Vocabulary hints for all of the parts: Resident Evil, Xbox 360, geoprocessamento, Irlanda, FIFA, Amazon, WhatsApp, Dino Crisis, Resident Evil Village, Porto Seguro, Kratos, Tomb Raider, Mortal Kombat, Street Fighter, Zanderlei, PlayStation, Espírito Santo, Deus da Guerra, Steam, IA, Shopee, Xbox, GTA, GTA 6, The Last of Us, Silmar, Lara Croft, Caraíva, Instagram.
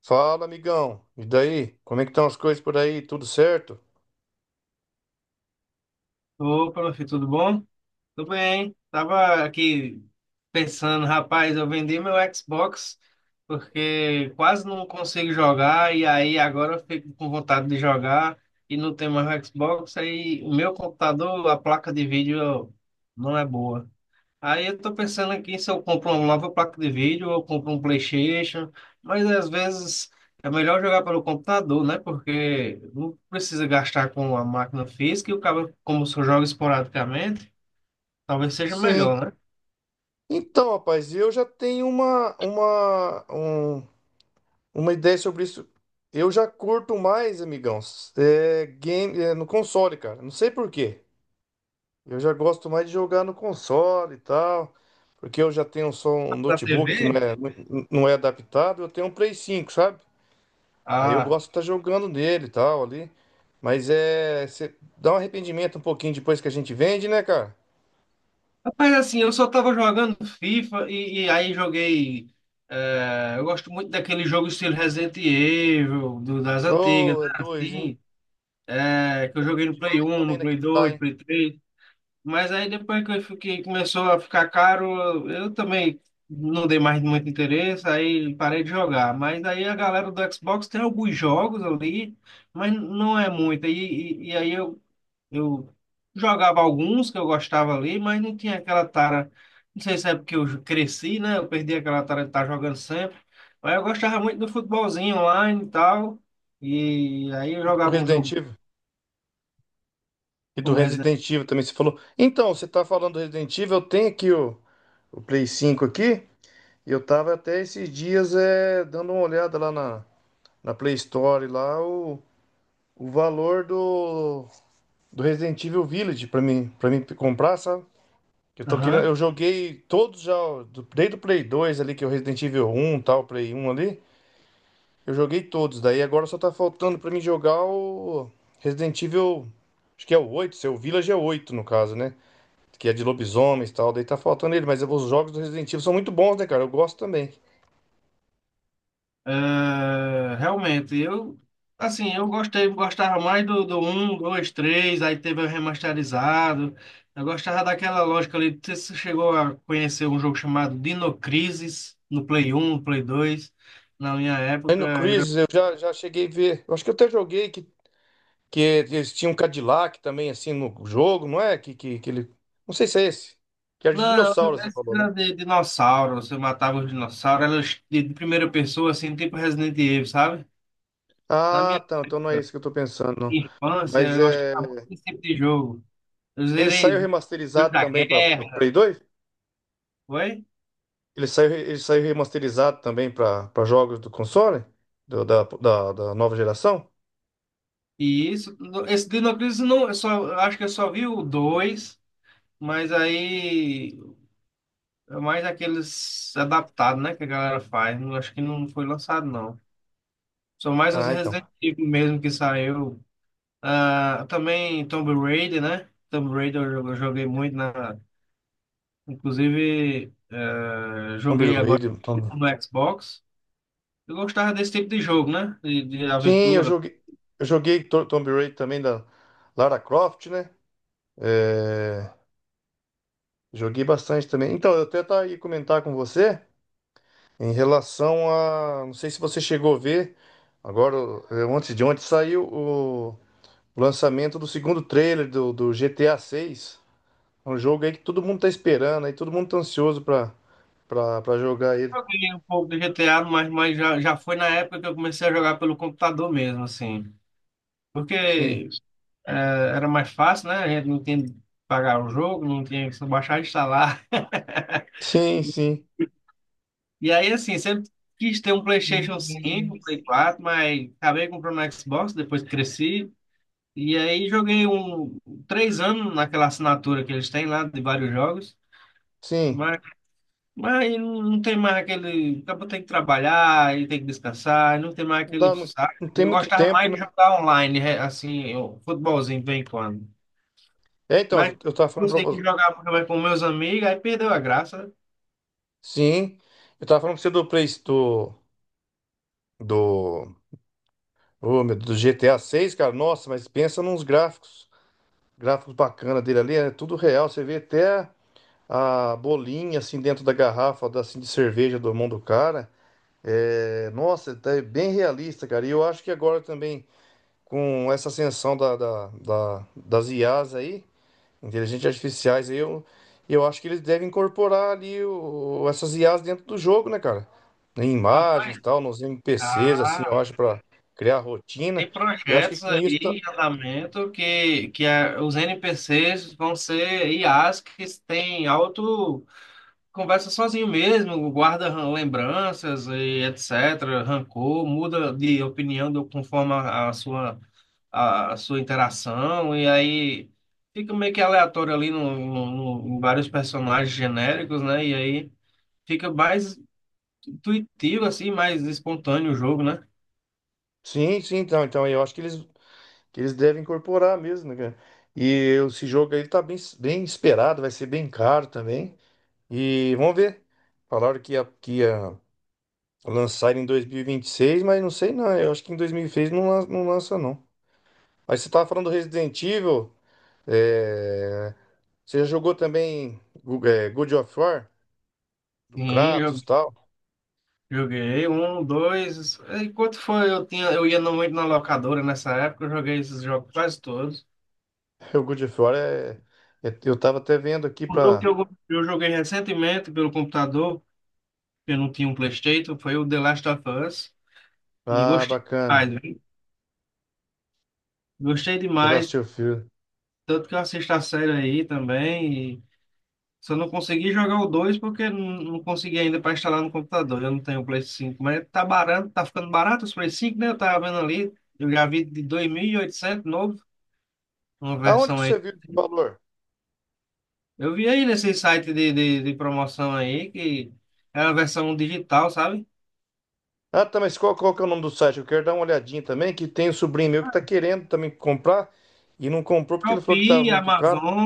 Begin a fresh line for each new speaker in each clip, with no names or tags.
Fala, amigão. E daí? Como é que estão as coisas por aí? Tudo certo?
Opa, meu filho, tudo bom? Tudo bem. Tava aqui pensando, rapaz, eu vendi meu Xbox porque quase não consigo jogar. E aí agora eu fico com vontade de jogar e não tem mais Xbox, aí o meu computador, a placa de vídeo não é boa. Aí eu tô pensando aqui se eu compro uma nova placa de vídeo ou eu compro um PlayStation, mas às vezes é melhor jogar pelo computador, né? Porque não precisa gastar com a máquina física e o cabo, como se eu jogo esporadicamente, talvez seja
Sim.
melhor, né?
Então, rapaz, eu já tenho uma ideia sobre isso. Eu já curto mais, amigão, game, no console, cara. Não sei por quê. Eu já gosto mais de jogar no console e tal, porque eu já tenho só um
Da
notebook que não
TV?
é, não não é adaptado. Eu tenho um Play 5, sabe? Aí eu
Ah,
gosto de estar jogando nele e tal ali. Mas é. Cê dá um arrependimento um pouquinho depois que a gente vende, né, cara?
rapaz, assim, eu só tava jogando FIFA e aí joguei. Eu gosto muito daquele jogo estilo Resident Evil, das antigas,
Ô, é
né?
dois, hein?
Assim, é, que eu joguei no Play
Demais
1,
também
no Play
naquele lá,
2,
hein?
Play 3. Mas aí depois que eu fiquei, começou a ficar caro, eu também não dei mais muito interesse, aí parei de jogar. Mas aí a galera do Xbox tem alguns jogos ali, mas não é muito. E aí eu jogava alguns que eu gostava ali, mas não tinha aquela tara. Não sei se é porque eu cresci, né? Eu perdi aquela tara de estar jogando sempre. Mas eu gostava muito do futebolzinho online e tal. E aí eu
E do
jogava um
Resident
jogo
Evil. E do
como Resident
Resident Evil também, você falou. Então, você tá falando do Resident Evil, eu tenho aqui o Play 5 aqui. E eu tava até esses dias dando uma olhada lá na Play Store, lá o valor do Resident Evil Village pra mim comprar, sabe? Eu tô querendo,
Evil.
eu joguei todos já, desde o Play 2 ali, que é o Resident Evil 1, tal, Play 1 ali, eu joguei todos. Daí agora só tá faltando pra mim jogar o Resident Evil, acho que é o 8 seu Village é o 8 no caso, né? Que é de lobisomens e tal, daí tá faltando ele, mas os jogos do Resident Evil são muito bons, né, cara? Eu gosto também.
É, realmente, eu assim, eu gostei, gostava mais do um 2 três. Aí teve o remasterizado. Eu gostava daquela lógica ali. Não sei se você chegou a conhecer um jogo chamado Dino Crisis no Play um, no Play dois. Na minha
Aí
época
no
era.
Chris eu já cheguei a ver, eu acho que eu até joguei que eles tinham um Cadillac também, assim, no jogo, não é? Que ele, não sei se é esse, que era de
Não,
dinossauro, você
esse
falou, né?
era de dinossauro. Você matava os dinossauros, era de primeira pessoa, assim, tipo Resident Evil, sabe? Na minha
Ah, tá. Então não é
época,
isso que eu tô pensando. Não.
de infância,
Mas
eu
é.
gostava muito desse tipo de jogo. Eu
Ele saiu
zerei Deus
remasterizado
da
também para
Guerra,
Play 2?
foi?
Ele saiu remasterizado também para jogos do console? Da nova geração?
E isso, esse Dino não, eu só, eu acho que eu só vi o dois, mas aí é mais aqueles adaptados, né, que a galera faz. Não, acho que não foi lançado, não. São mais os
Ah, então.
Resident Evil mesmo que saiu. Ah, também Tomb Raider, né? Tomb Raider eu, eu joguei muito na. Inclusive,
Tomb
joguei agora
Raider.
no Xbox. Eu gostava desse tipo de jogo, né? De
Sim, eu
aventura.
joguei. Eu joguei Tomb Raider também da Lara Croft, né? É, joguei bastante também. Então, eu até tá aí comentar com você em relação a. Não sei se você chegou a ver. Agora, ontem de ontem saiu o. O lançamento do segundo trailer do GTA 6. É um jogo aí que todo mundo tá esperando, aí todo mundo tá ansioso pra jogar ele.
Joguei um pouco do GTA, mas, mas já foi na época que eu comecei a jogar pelo computador mesmo, assim.
Sim.
Porque é, era mais fácil, né? A gente não tinha que pagar o jogo, não tinha que só baixar e instalar.
Sim, sim.
E aí, assim, sempre quis ter um PlayStation cinco, um Play 4, mas acabei comprando um Xbox, depois cresci. E aí joguei um, três anos naquela assinatura que eles têm lá de vários jogos.
Sim.
Mas não tem mais aquele. Acabou, tem que trabalhar e tem que descansar, não tem mais
Não
aquele
dá muito-
saco.
não tem
Eu
muito
gostava
tempo,
mais
né?
de jogar online, assim, eu, futebolzinho de vez em quando.
É, então,
Mas
eu tava falando pra
você que
você.
jogava mais com meus amigos, aí perdeu a graça, né?
Sim. Eu tava falando pra você do Play do. Do. Ô, meu, do GTA 6, cara. Nossa, mas pensa nos gráficos. Gráficos bacana dele ali. É tudo real. Você vê até a bolinha assim dentro da garrafa assim, de cerveja do mão do cara. É, nossa, tá bem realista, cara. E eu acho que agora também, com essa ascensão das IAs aí, inteligentes artificiais, aí, eu acho que eles devem incorporar ali essas IAs dentro do jogo, né, cara? Em imagens
Rapaz,
e tal, nos NPCs, assim, eu
ah,
acho, pra criar rotina.
tem
E eu acho que
projetos
com
aí
isso.
em andamento que, os NPCs vão ser IAs que têm alto. Conversa sozinho mesmo, guarda lembranças e etc., rancor, muda de opinião conforme a sua, a sua interação, e aí fica meio que aleatório ali em vários personagens genéricos, né? E aí fica mais intuitivo, assim, mais espontâneo o jogo, né?
Sim, sim, então eu acho que que eles devem incorporar mesmo, né, cara? E esse jogo aí tá bem, bem esperado, vai ser bem caro também. E vamos ver. Falaram que ia lançar em dois mil e vinte e seis mas não sei não. Eu acho que em 2026 não, não lança, não. Aí você tava falando do Resident Evil. é, Você já jogou também God of War? Do
Sim,
Kratos e tal?
joguei um, dois. Enquanto foi, eu tinha, eu ia no- muito na locadora nessa época, eu joguei esses jogos quase todos.
O God of War é. Eu tava até vendo aqui
Um jogo que
pra.
eu joguei recentemente pelo computador, eu não tinha um PlayStation, foi o The Last of Us. E
Ah,
gostei
bacana.
demais, viu? Gostei
The Last
demais.
of Us.
Tanto que eu assisto a série aí também. E só não consegui jogar o 2 porque não, não consegui ainda para instalar no computador. Eu não tenho o Play cinco. Mas tá barato, tá ficando barato os Play cinco, né? Eu tava vendo ali. Eu já vi de 2.800 novo, uma
Aonde que
versão aí.
você viu esse valor?
Eu vi aí nesse site de promoção aí que era a versão digital, sabe?
Ah, tá, mas qual que é o nome do site? Eu quero dar uma olhadinha também, que tem um sobrinho meu que tá querendo também comprar e não comprou porque ele falou que tava
Shopee,
muito caro.
Amazon.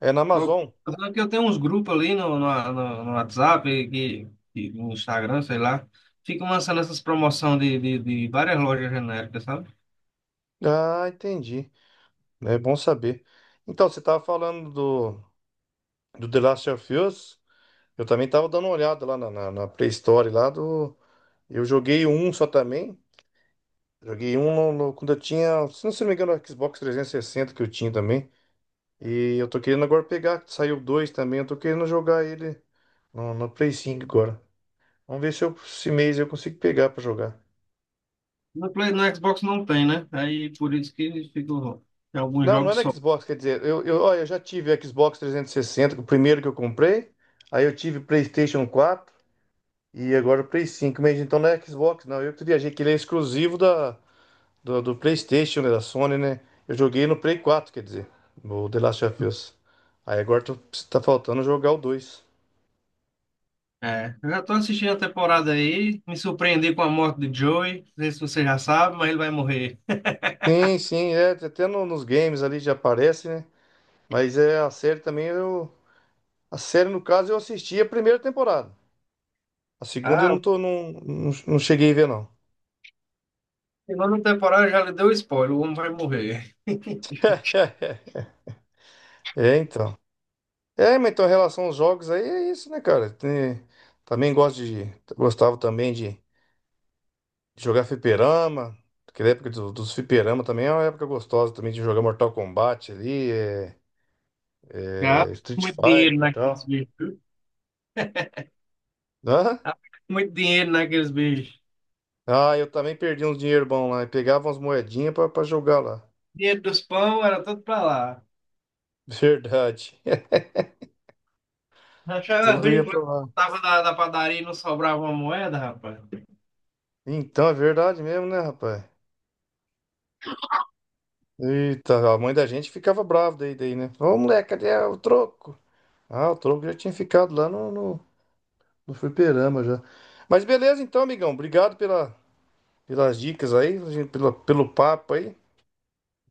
É na
Top.
Amazon.
Só que eu tenho uns grupos ali no WhatsApp, e no Instagram, sei lá. Ficam lançando essas promoções de várias lojas genéricas, sabe?
Ah, entendi. É bom saber. Então, você estava falando do The Last of Us. Eu também estava dando uma olhada lá na pré-história lá do. Eu joguei um só também. Joguei um quando eu tinha, se não me engano, o Xbox 360 que eu tinha também. E eu tô querendo agora pegar, saiu dois também. Eu tô querendo jogar ele no Play 5 agora. Vamos ver se eu, esse mês eu consigo pegar para jogar.
No Play, no Xbox não tem, né? Aí por isso que ficam em alguns
Não, não é
jogos
no
só.
Xbox, quer dizer, ó, eu já tive Xbox 360, que é o primeiro que eu comprei, aí eu tive PlayStation 4 e agora o Play 5 mas então não é Xbox, não, eu que viajei, que ele é exclusivo do PlayStation, né, da Sony, né, eu joguei no Play 4, quer dizer, o The Last of Us, aí agora tá faltando jogar o 2.
É, eu já tô assistindo a temporada aí, me surpreendi com a morte de Joey. Não sei se você já sabe, mas ele vai morrer.
Sim, sim, é, até nos games ali já aparece, né, mas é a série também, a série no caso eu assisti a primeira temporada, a segunda eu
Ah,
não
o
tô, não, não, não cheguei a ver não.
final da temporada já lhe deu spoiler, o homem vai morrer.
É, então. É, mas então, em relação aos jogos aí, é isso, né, cara? Também gosto de. Gostava também de jogar fliperama. Aquela época dos fliperama também é uma época gostosa também de jogar Mortal Kombat ali,
Gasta
Street
muito dinheiro
Fighter e
naqueles
tal.
bichos, viu?
Hã?
Gasta muito dinheiro naqueles bichos.
Ah, eu também perdi uns dinheiro bom lá, e pegava umas moedinhas pra jogar lá.
Dinheiro dos pão era tudo pra lá.
Verdade.
Achava
Tudo
ruim
ia
quando
pra lá.
voltava da, da padaria e não sobrava uma moeda, rapaz.
Então, é verdade mesmo, né, rapaz? Eita, a mãe da gente ficava brava daí, né? Ô, moleque, cadê o troco? Ah, o tronco já tinha ficado lá no fliperama já. Mas beleza então, amigão. Obrigado pelas dicas aí, pelo papo aí.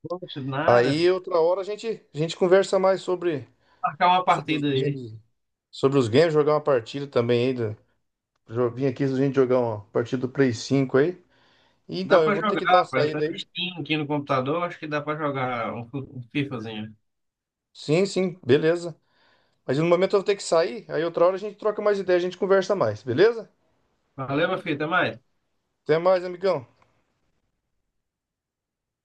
Poxa, nada.
Aí outra hora a gente conversa mais sobre,
Marcar uma
sobre os
partida aí.
games. Sobre os games, jogar uma partida também aí. Vim aqui a gente jogar uma partida do Play 5 aí. E,
Dá
então, eu
pra
vou ter
jogar,
que dar uma
rapaz. Tá
saída aí.
Steam aqui no computador, acho que dá pra jogar um, um FIFAzinho.
Sim, sim, beleza. Mas no momento eu vou ter que sair, aí outra hora a gente troca mais ideia, a gente conversa mais, beleza?
Valeu, meu filho, até mais.
Até mais, amigão.